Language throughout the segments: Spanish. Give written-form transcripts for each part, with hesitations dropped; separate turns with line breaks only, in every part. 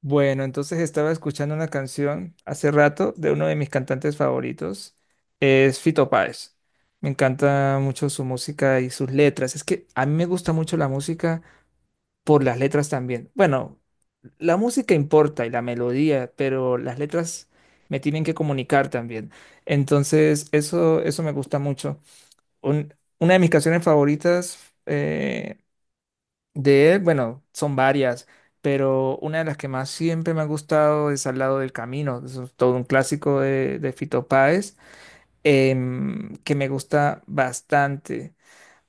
Bueno, entonces estaba escuchando una canción hace rato de uno de mis cantantes favoritos, es Fito Páez. Me encanta mucho su música y sus letras. Es que a mí me gusta mucho la música por las letras también. Bueno, la música importa y la melodía, pero las letras me tienen que comunicar también. Entonces, eso me gusta mucho. Un- una de mis canciones favoritas eh, de él, bueno, son varias, pero una de las que más siempre me ha gustado es Al lado del camino, eso es todo un clásico de Fito Páez, que me gusta bastante.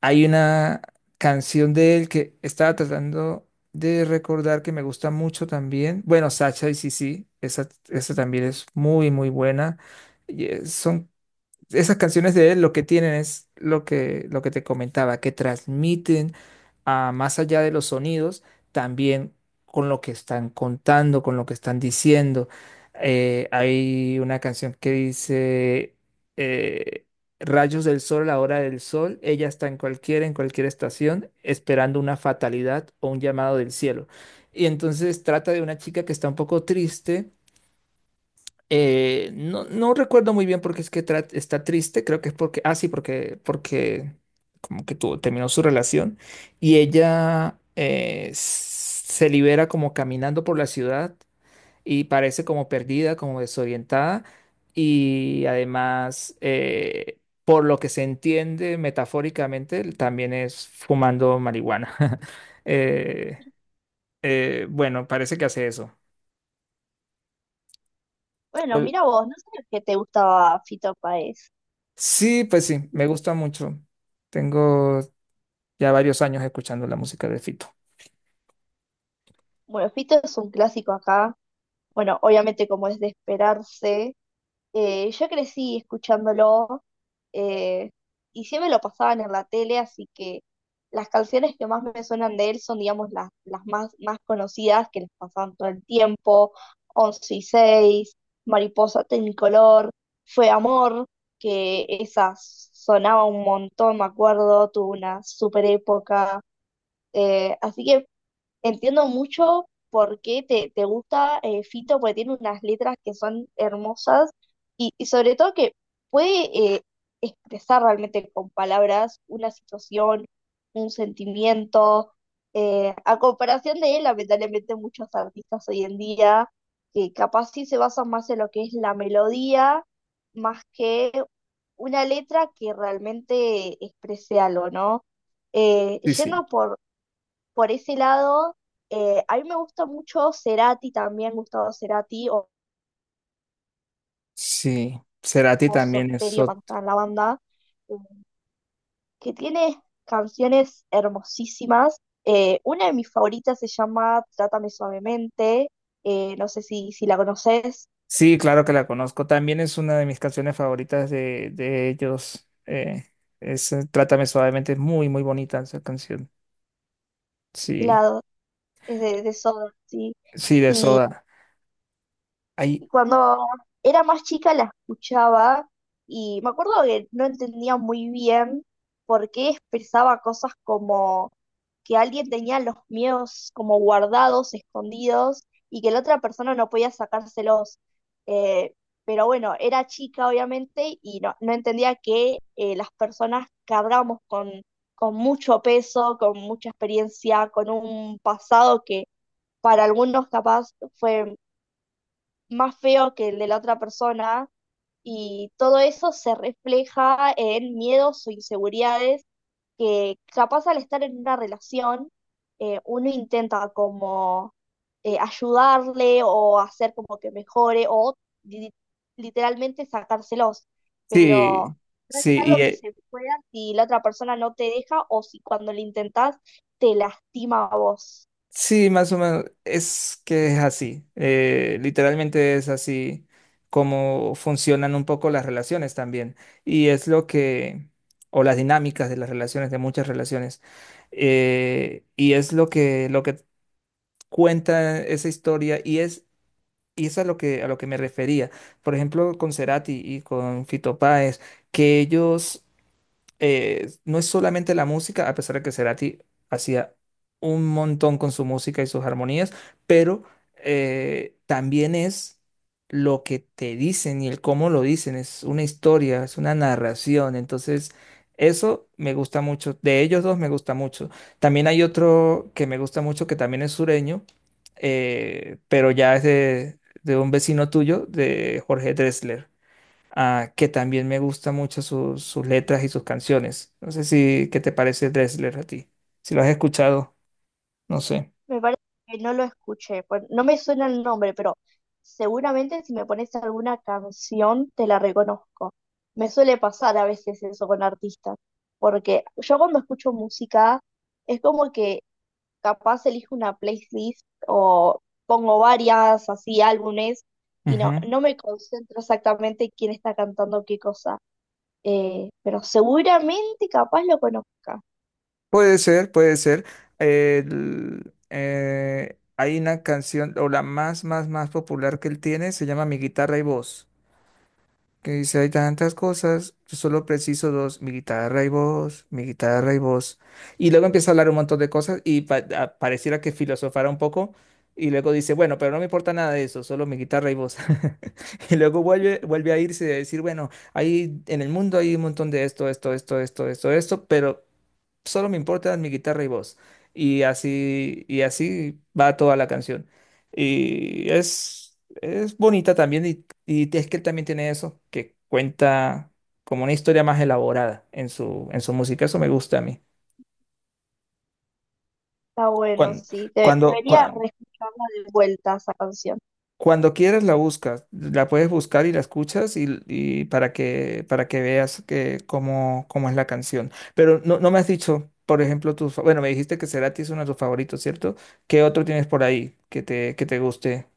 Hay una canción de él que estaba tratando de recordar que me gusta mucho también. Bueno, Sacha y Sisi, esa también es muy, muy buena. Y, son esas canciones de él lo que tienen es lo que te comentaba, que transmiten a más allá de los sonidos, también con lo que están contando, con lo que están diciendo. Hay una canción que dice eh, Rayos del sol, la hora del sol, ella está en cualquiera, en cualquier estación, esperando una fatalidad o un llamado del cielo. Y entonces trata de una chica que está un poco triste. No recuerdo muy bien porque es que está triste. Creo que es porque, ah, sí, porque, porque como que tuvo, terminó su relación y ella se libera como caminando por la ciudad y parece como perdida, como desorientada y además, por lo que se entiende metafóricamente, también es fumando marihuana. Eh, bueno, parece que hace eso.
Bueno, mira vos, no sabía que te gustaba Fito Páez.
Sí, pues sí, me gusta mucho. Tengo ya varios años escuchando la música de Fito.
Bueno, Fito es un clásico acá. Bueno, obviamente como es de esperarse. Yo crecí escuchándolo eh, y siempre lo pasaban en la tele, así que las canciones que más me suenan de él son, digamos, las más, más conocidas que les pasaban todo el tiempo. Once y seis, Mariposa Tecnicolor, Fue Amor, que esa sonaba un montón, me acuerdo, tuvo una super época. Así que entiendo mucho por qué te gusta Fito, porque tiene unas letras que son hermosas y sobre todo que puede expresar realmente con palabras una situación, un sentimiento. A comparación de él, lamentablemente muchos artistas hoy en día que capaz sí se basan más en lo que es la melodía, más que una letra que realmente exprese algo, ¿no?
Sí, sí.
Yendo por ese lado, a mí me gusta mucho Cerati también, Gustavo Cerati o
Sí, Cerati
Soda
también es
Stereo cuando estaba en la banda, eh, que tiene canciones hermosísimas. Una de mis favoritas se llama Trátame suavemente, no sé si, si la conoces,
Sí, claro que la conozco. También es una de mis canciones favoritas de ellos. Es Trátame suavemente, es muy, muy bonita esa canción. Sí,
la, es de Soda, sí.
sí, de Soda. Hay,
Cuando era más chica la escuchaba y me acuerdo que no entendía muy bien por qué expresaba cosas como que alguien tenía los miedos como guardados, escondidos, y que la otra persona no podía sacárselos. Eh, pero bueno, era chica obviamente y no, no entendía que las personas cargamos con mucho peso, con mucha experiencia, con un pasado que para algunos capaz fue más feo que el de la otra persona y todo eso se refleja en miedos o inseguridades que capaz al estar en una relación uno intenta como ayudarle o hacer como que mejore o li- literalmente sacárselos, pero
Sí,
no es
sí, y
algo que
eh,
se pueda si la otra persona no te deja o si cuando lo intentás te lastima a vos.
sí, más o menos es que es así. Literalmente es así como funcionan un poco las relaciones también. Y es o las dinámicas de las relaciones, de muchas relaciones. Y es lo que cuenta esa historia y es a lo que me refería. Por ejemplo, con Cerati y con Fito Páez, que ellos no es solamente la música, a pesar de que Cerati hacía un montón con su música y sus armonías, pero también es lo que te dicen y el cómo lo dicen, es una historia, es una narración, entonces eso me gusta mucho, de ellos dos me gusta mucho. También hay otro que me gusta mucho que también es sureño, pero ya es de un vecino tuyo, de Jorge Drexler, ah, que también me gusta mucho sus sus letras y sus canciones. No sé si, ¿qué te parece Dressler a ti? Si lo has escuchado, no sé.
Me parece que no lo escuché. Pues, no me suena el nombre, pero seguramente si me pones alguna canción te la reconozco. Me suele pasar a veces eso con artistas, porque yo cuando escucho música es como que capaz elijo una playlist o pongo varias así álbumes y no,
Ujú.
no me concentro exactamente quién está cantando qué cosa. Pero seguramente capaz lo conozca.
Puede ser, puede ser. Hay una canción, o la más, más, más popular que él tiene, se llama Mi guitarra y voz. Que dice, hay tantas cosas, yo solo preciso dos, mi guitarra y voz, mi guitarra y voz. Y luego empieza a hablar un montón de cosas y pareciera que filosofara un poco. Y luego dice, bueno, pero no me importa nada de eso, solo mi guitarra y voz. Y luego vuelve, vuelve a irse y a decir, bueno, ahí en el mundo hay un montón de esto, esto, esto, esto, esto, esto, pero solo me importan mi guitarra y voz. Y así va toda la canción. Y es bonita también, y es que él también tiene eso, que cuenta como una historia más elaborada en su música. Eso me gusta a mí.
Está bueno,
Cuando,
sí.
cuando,
Debería
cua-
reescucharla de vuelta esa canción.
Cuando quieras la buscas, la puedes buscar y la escuchas y para que veas que, cómo, cómo es la canción. Pero no, no me has dicho, por ejemplo, tus... Bueno, me dijiste que Cerati es uno de tus favoritos, ¿cierto? ¿Qué otro tienes por ahí que te guste?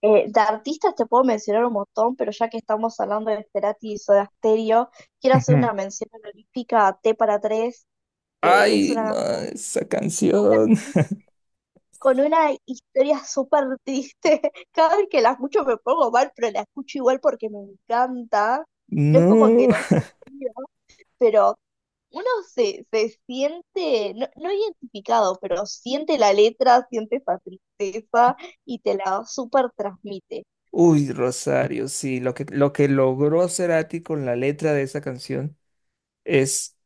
De artistas te puedo mencionar un montón, pero ya que estamos hablando de Cerati y Soda Stereo, quiero hacer
Ujú.
una mención honorífica a T para Tres, que es
Ay,
una
no,
canción
esa
súper
canción.
triste, con una historia súper triste. Cada vez que la escucho me pongo mal, pero la escucho igual porque me encanta. No es como que
No.
no haya sido, pero uno se, se siente, no, no identificado, pero siente la letra, siente esa tristeza y te la súper transmite.
Uy, Rosario, sí, lo que logró Cerati con la letra de esa canción es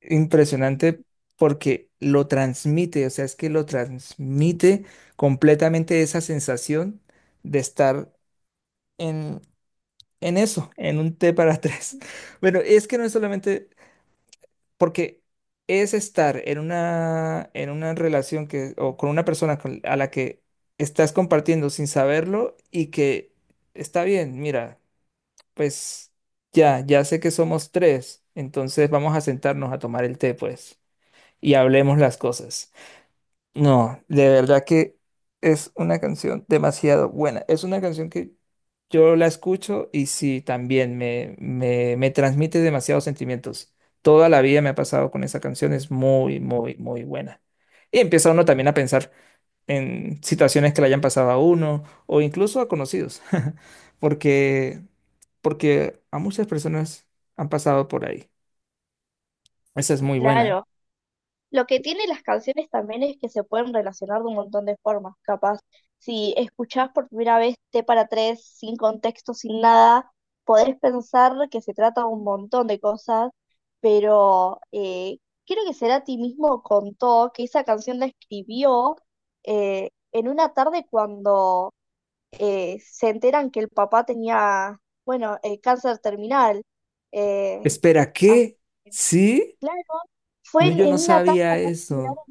impresionante porque lo transmite, o sea, es que lo transmite completamente esa sensación de estar en, en eso, en un té para tres. Bueno, es que no es solamente porque es estar en una relación que, o con una persona a la que estás compartiendo sin saberlo y que está bien, mira, pues ya, ya sé que somos tres, entonces vamos a sentarnos a tomar el té, pues y hablemos las cosas. No, de verdad que es una canción demasiado buena. Es una canción que yo la escucho y sí, también me transmite demasiados sentimientos. Toda la vida me ha pasado con esa canción, es muy, muy, muy buena. Y empieza uno también a pensar en situaciones que le hayan pasado a uno o incluso a conocidos, porque, porque a muchas personas han pasado por ahí. Esa es muy buena.
Claro. Lo que tienen las canciones también es que se pueden relacionar de un montón de formas. Capaz, si escuchás por primera vez T para tres, sin contexto, sin nada, podés pensar que se trata de un montón de cosas, pero creo que Cerati mismo contó que esa canción la escribió en una tarde cuando se enteran que el papá tenía, bueno, cáncer terminal. Eh,
Espera,
así
¿qué? ¿Sí?
Claro, fue
No, yo
en
no
una tarde
sabía
acá en Verano.
eso.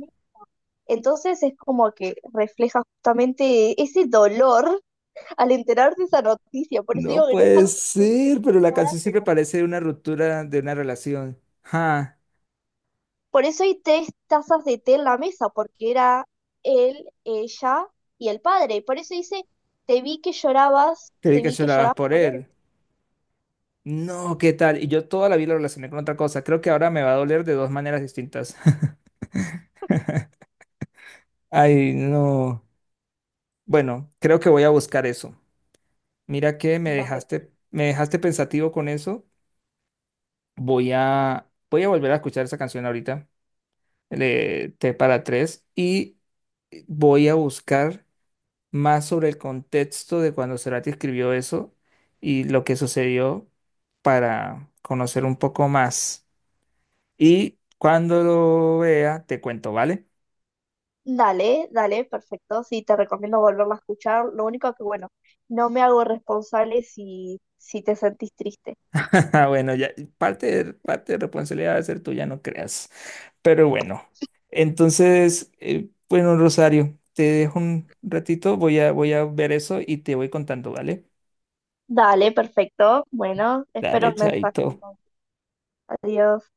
Entonces es como que refleja justamente ese dolor al enterarte de esa noticia. Por eso
No
digo que no es
puede
algo que te tengas que
ser, pero la
explicar.
canción siempre parece una ruptura de una relación. Ja,
Por eso hay tres tazas de té en la mesa, porque era él, ella y el padre. Por eso dice, te vi que llorabas,
creí
te
que
vi que
llorabas
llorabas
por
por él.
él. No, ¿qué tal? Y yo toda la vida lo relacioné con otra cosa. Creo que ahora me va a doler de dos maneras distintas. Ay, no. Bueno, creo que voy a buscar eso. Mira que
Dale,
me dejaste pensativo con eso. Voy a volver a escuchar esa canción ahorita, el de T para tres, y voy a buscar más sobre el contexto de cuando Cerati escribió eso y lo que sucedió para conocer un poco más. Y cuando lo vea, te cuento, ¿vale?
dale, dale, perfecto. Sí, te recomiendo volverla a escuchar. Lo único que, bueno, no me hago responsable si, si te sentís triste.
Ah, bueno, ya parte de responsabilidad va a ser tuya, no creas. Pero bueno, entonces, bueno, Rosario, te dejo un ratito, voy a ver eso y te voy contando, ¿vale?
Dale, perfecto. Bueno, espero
Dale,
el mensaje.
chaito.
Adiós.